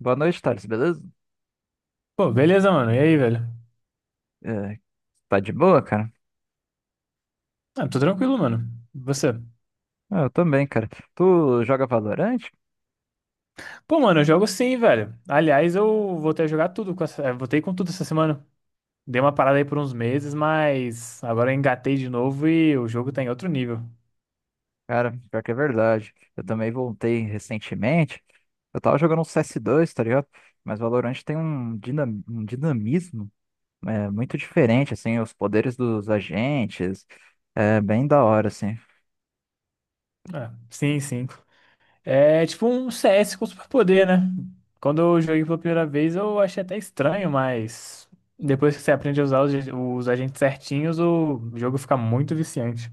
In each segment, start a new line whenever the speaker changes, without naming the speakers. Boa noite, Thales, beleza?
Pô, beleza, mano. E aí, velho?
É, tá de boa, cara?
Ah, tô tranquilo, mano. E você?
Ah, eu também, cara. Tu joga Valorante?
Pô, mano, eu jogo sim, velho. Aliás, eu voltei a jogar tudo com Voltei com tudo essa semana. Dei uma parada aí por uns meses, mas agora eu engatei de novo e o jogo tá em outro nível.
Cara, pior que é verdade. Eu também voltei recentemente. Eu tava jogando um CS2, tá ligado? Mas Valorante tem um dinamismo muito diferente, assim, os poderes dos agentes. É bem da hora, assim.
Ah, sim, sim. É tipo um CS com superpoder, né? Quando eu joguei pela primeira vez, eu achei até estranho, mas depois que você aprende a usar os agentes certinhos, o jogo fica muito viciante.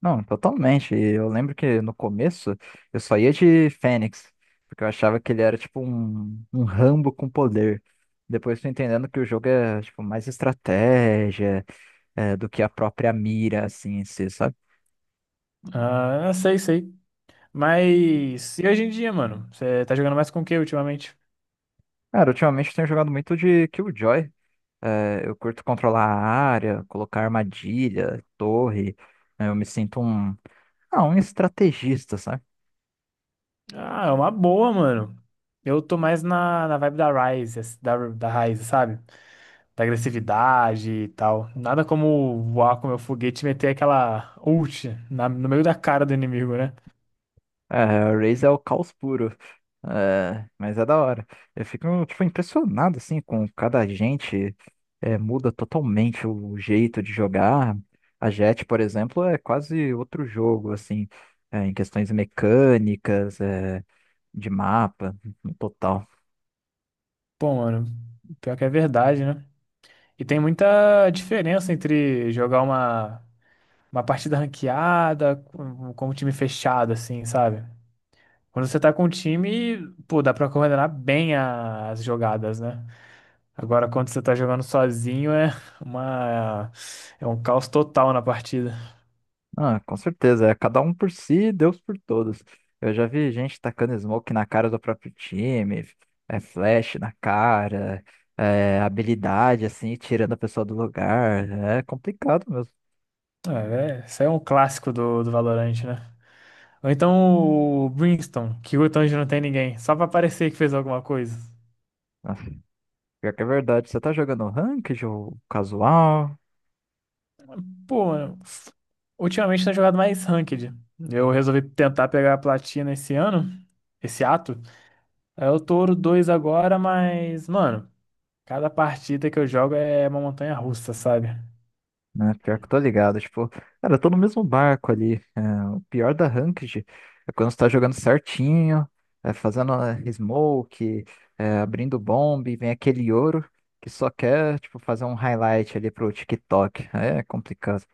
Não, totalmente. E eu lembro que no começo eu só ia de Fênix, porque eu achava que ele era tipo um Rambo com poder. Depois tô entendendo que o jogo é tipo mais estratégia do que a própria mira, assim, em si, sabe?
Ah, sei, sei. Mas e hoje em dia, mano? Você tá jogando mais com o que ultimamente?
Cara, ultimamente eu tenho jogado muito de Killjoy. É, eu curto controlar a área, colocar armadilha, torre. Né? Eu me sinto um estrategista, sabe?
Ah, é uma boa, mano. Eu tô mais na vibe da Ryze, da Ryze, sabe? Da agressividade e tal. Nada como voar com meu foguete e meter aquela ult no meio da cara do inimigo, né?
É, o Raze é o caos puro. É, mas é da hora. Eu fico, tipo, impressionado, assim, com cada gente. É, muda totalmente o jeito de jogar. A Jet, por exemplo, é quase outro jogo, assim, em questões mecânicas, de mapa, no total.
Pô, mano, pior que é verdade, né? E tem muita diferença entre jogar uma partida ranqueada com um time fechado, assim, sabe? Quando você tá com um time, pô, dá pra coordenar bem as jogadas, né? Agora, quando você tá jogando sozinho, uma, é um caos total na partida.
Ah, com certeza. É cada um por si, Deus por todos. Eu já vi gente tacando smoke na cara do próprio time, é flash na cara, é habilidade assim, tirando a pessoa do lugar. É complicado mesmo.
Isso aí é um clássico do Valorant, né? Ou então o Brimstone, que o onde não tem ninguém, só pra parecer que fez alguma coisa.
Ah, pior que é verdade. Você tá jogando ranked ou casual?
Pô, mano, ultimamente tenho jogado mais Ranked. Eu resolvi tentar pegar a platina esse ano, esse ato. Aí eu tô ouro 2 agora, mas, mano. Cada partida que eu jogo é uma montanha russa, sabe?
Né? Pior que eu tô ligado, tipo, cara, eu tô no mesmo barco ali. É, o pior da Ranked é quando você tá jogando certinho, fazendo smoke, abrindo bomb, e vem aquele ouro que só quer, tipo, fazer um highlight ali pro TikTok. Aí é complicado.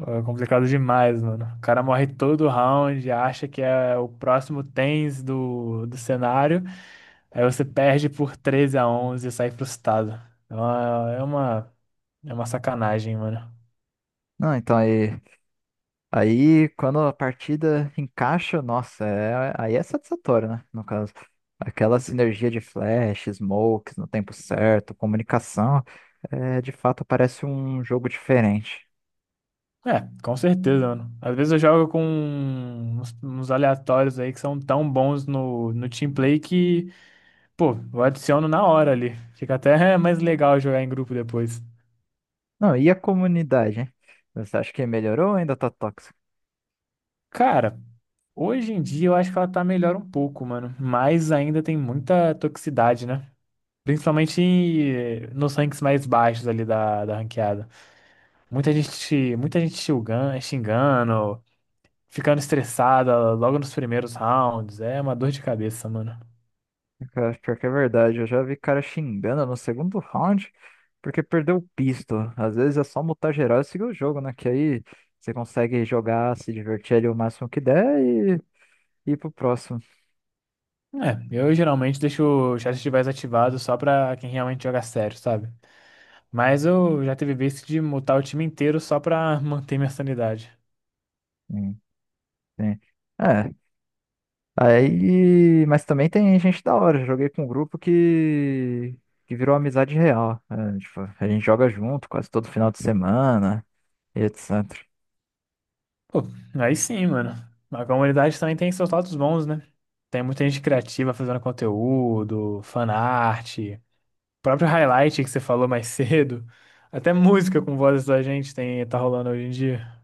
É complicado demais, mano. O cara morre todo round, acha que é o próximo tens do cenário, aí você perde por 13 a 11 e sai frustrado. É uma, é uma, é uma sacanagem, mano.
Não, então aí, quando a partida encaixa, nossa, aí é satisfatório, né? No caso. Aquela sinergia de flash, smokes no tempo certo, comunicação, de fato parece um jogo diferente.
É, com certeza, mano. Às vezes eu jogo com uns aleatórios aí que são tão bons no team play que, pô, eu adiciono na hora ali. Fica até mais legal jogar em grupo depois.
Não, e a comunidade, hein? Você acha que melhorou ou ainda tá tóxico?
Cara, hoje em dia eu acho que ela tá melhor um pouco, mano. Mas ainda tem muita toxicidade, né? Principalmente nos ranks mais baixos ali da ranqueada. Muita gente xingando, ficando estressada logo nos primeiros rounds. É uma dor de cabeça, mano.
Cara, pior que é verdade, eu já vi cara xingando no segundo round porque perdeu o pisto. Às vezes é só mutar geral e seguir o jogo, né? Que aí você consegue jogar, se divertir ali o máximo que der e ir pro próximo.
É, eu geralmente deixo o chat de voz ativado só pra quem realmente joga sério, sabe? Mas eu já teve vezes de mutar o time inteiro só pra manter minha sanidade.
Sim, sim. É, aí. Mas também tem gente da hora. Eu joguei com um grupo que virou amizade real. É, tipo, a gente joga junto quase todo final de semana e etc.
Pô, aí sim, mano. A comunidade também tem seus lados bons, né? Tem muita gente criativa fazendo conteúdo, fanart, o próprio highlight que você falou mais cedo. Até música com vozes da gente tem, tá rolando hoje em dia.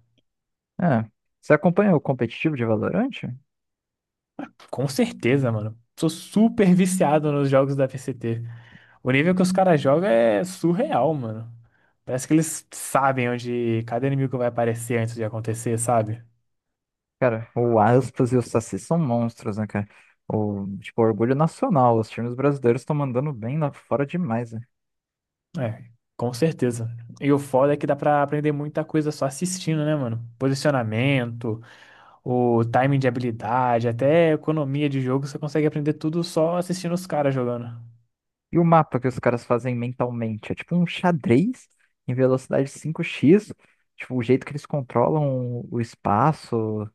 É. Você acompanha o competitivo de Valorant?
Com certeza, mano. Sou super viciado nos jogos da VCT. O nível que os caras jogam é surreal, mano. Parece que eles sabem onde cada inimigo vai aparecer antes de acontecer, sabe?
Cara, o Aspas e o Saci são monstros, né, cara? O, tipo, orgulho nacional. Os times brasileiros estão mandando bem lá fora demais, né?
É, com certeza. E o foda é que dá pra aprender muita coisa só assistindo, né, mano? Posicionamento, o timing de habilidade, até economia de jogo, você consegue aprender tudo só assistindo os caras jogando.
E o mapa que os caras fazem mentalmente? É tipo um xadrez em velocidade 5x. Tipo, o jeito que eles controlam o espaço.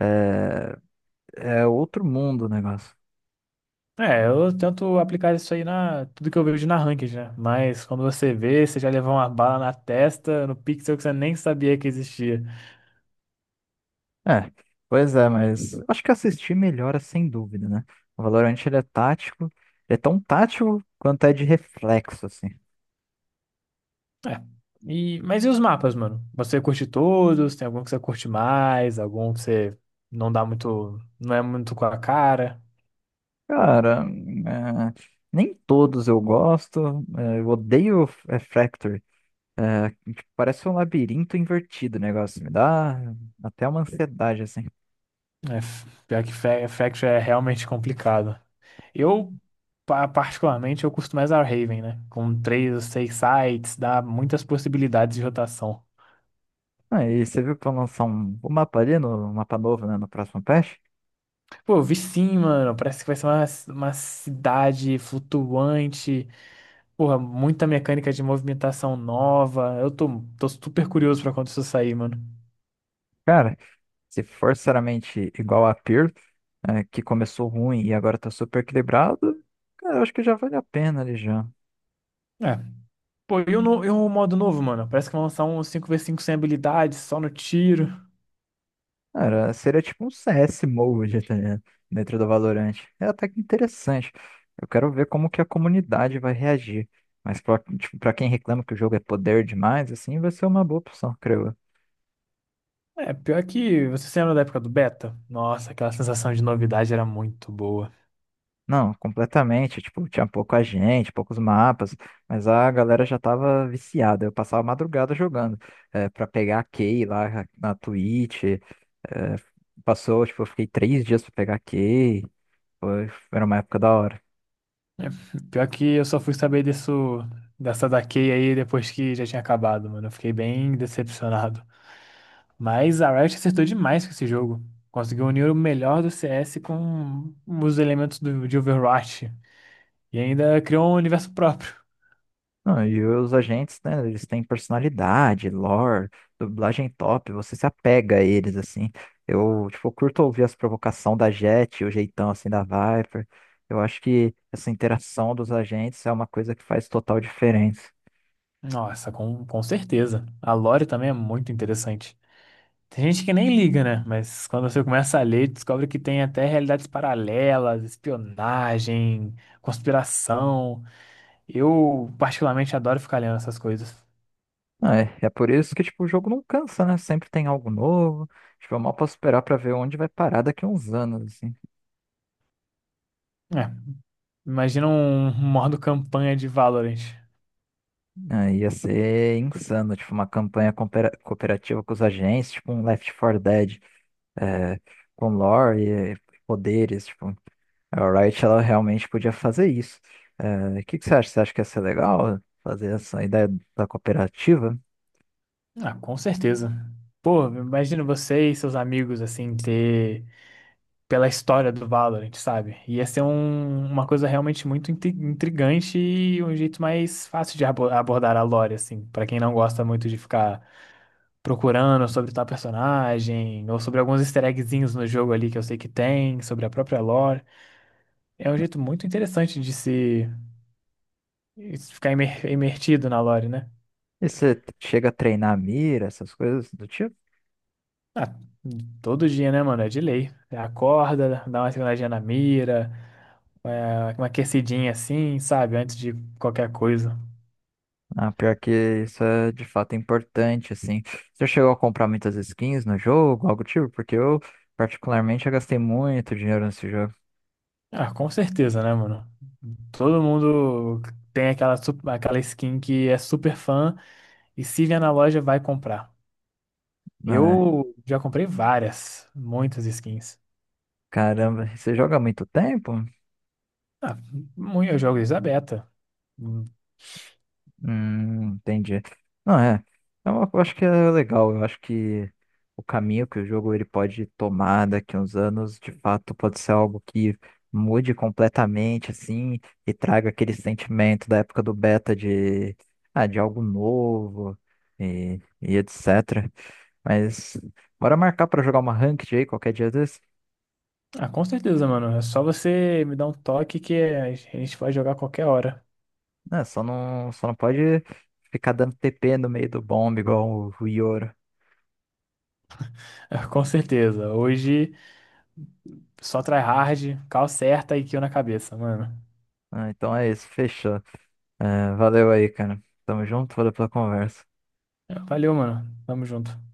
É, é outro mundo o negócio.
É, eu tento aplicar isso aí na tudo que eu vejo na ranked, né? Mas quando você vê, você já levou uma bala na testa, no pixel que você nem sabia que existia.
É, pois é, mas acho que assistir melhora sem dúvida, né? O Valorant ele é tático, ele é tão tático quanto é de reflexo, assim.
É. E, mas e os mapas, mano? Você curte todos? Tem algum que você curte mais? Algum que você não dá muito, não é muito com a cara?
Cara, nem todos eu gosto, é, eu odeio é, Fracture. É, tipo, parece um labirinto invertido o negócio, me dá até uma ansiedade, assim.
Pior que Faction é realmente complicado. Eu, particularmente, eu costumo mais Haven, né? Com três ou seis sites, dá muitas possibilidades de rotação.
Ah, e você viu que vão lançar um mapa ali, no, um mapa novo, né, no próximo patch?
Pô, eu vi sim, mano. Parece que vai ser uma cidade flutuante. Porra, muita mecânica de movimentação nova. Eu tô super curioso pra quando isso sair, mano.
Cara, Se forçaramente igual a Pearl, que começou ruim e agora tá super equilibrado, cara, eu acho que já vale a pena ali já.
É. Pô, e o, no- e o modo novo, mano? Parece que vão lançar um cinco v cinco sem habilidades, só no tiro.
Cara, seria tipo um CS mode, tá ligado? Dentro do Valorant. É até que interessante. Eu quero ver como que a comunidade vai reagir. Mas tipo, pra quem reclama que o jogo é poder demais, assim, vai ser uma boa opção, creio eu.
É, pior que você se lembra da época do beta? Nossa, aquela sensação de novidade era muito boa.
Não, completamente. Tipo, tinha pouca gente, poucos mapas, mas a galera já tava viciada. Eu passava a madrugada jogando, pra pegar a Kay lá na Twitch. é, passou, tipo, eu fiquei 3 dias pra pegar a Kay. Foi, era uma época da hora.
É, pior que eu só fui saber disso, dessa da Kay aí depois que já tinha acabado, mano. Eu fiquei bem decepcionado. Mas a Riot acertou demais com esse jogo. Conseguiu unir o melhor do CS com os elementos de Overwatch. E ainda criou um universo próprio.
Não, e os agentes, né, eles têm personalidade, lore, dublagem top, você se apega a eles, assim. Eu, tipo, curto ouvir as provocações da Jet, o jeitão, assim, da Viper. Eu acho que essa interação dos agentes é uma coisa que faz total diferença.
Nossa, com certeza. A lore também é muito interessante. Tem gente que nem liga, né? Mas quando você começa a ler, descobre que tem até realidades paralelas, espionagem, conspiração. Eu particularmente adoro ficar lendo essas coisas.
Ah, é por isso que, tipo, o jogo não cansa, né? Sempre tem algo novo. Tipo, eu mal posso esperar pra ver onde vai parar daqui a uns anos, assim.
É, imagina um modo campanha de Valorant.
Ah, ia ser insano, tipo, uma campanha cooperativa com os agentes, tipo um Left 4 Dead. é, com lore e poderes, tipo, a Riot ela realmente podia fazer isso. É, o que que você acha? Você acha que ia ser legal fazer essa ideia da cooperativa?
Ah, com certeza. Pô, imagina você e seus amigos, assim, ter... Pela história do Valorant, sabe? Ia ser uma coisa realmente muito intrigante e um jeito mais fácil de abordar a lore, assim, pra quem não gosta muito de ficar procurando sobre tal personagem, ou sobre alguns easter eggzinhos no jogo ali que eu sei que tem, sobre a própria lore. É um jeito muito interessante de se ficar imertido na lore, né?
E você chega a treinar a mira, essas coisas do tipo?
Ah, todo dia, né, mano? É de lei. Você acorda, dá uma seguradinha na mira, uma aquecidinha assim, sabe? Antes de qualquer coisa.
Ah, pior que isso é de fato importante, assim. Você chegou a comprar muitas skins no jogo, algo do tipo? Porque eu, particularmente, já gastei muito dinheiro nesse jogo.
Ah, com certeza, né, mano? Todo mundo tem aquela skin que é super fã e se vier na loja vai comprar.
Ah, é.
Eu já comprei várias, muitas skins.
Caramba, você joga há muito tempo?
Ah, muito, eu jogo desde a beta. Hum.
Entendi. Não, é. Eu acho que é legal. Eu acho que o caminho que o jogo ele pode tomar daqui a uns anos, de fato, pode ser algo que mude completamente, assim, e traga aquele sentimento da época do beta de algo novo e, etc. Mas bora marcar pra jogar uma ranked aí qualquer dia desse.
Ah, com certeza, mano. É só você me dar um toque que a gente vai jogar a qualquer hora.
Né, só não pode ficar dando TP no meio do bombe igual o Yoro.
Com certeza. Hoje, só tryhard, cal certa e kill na cabeça, mano.
Ah, então é isso, fechou. É, valeu aí, cara. Tamo junto, valeu pela conversa.
Valeu, mano. Tamo junto.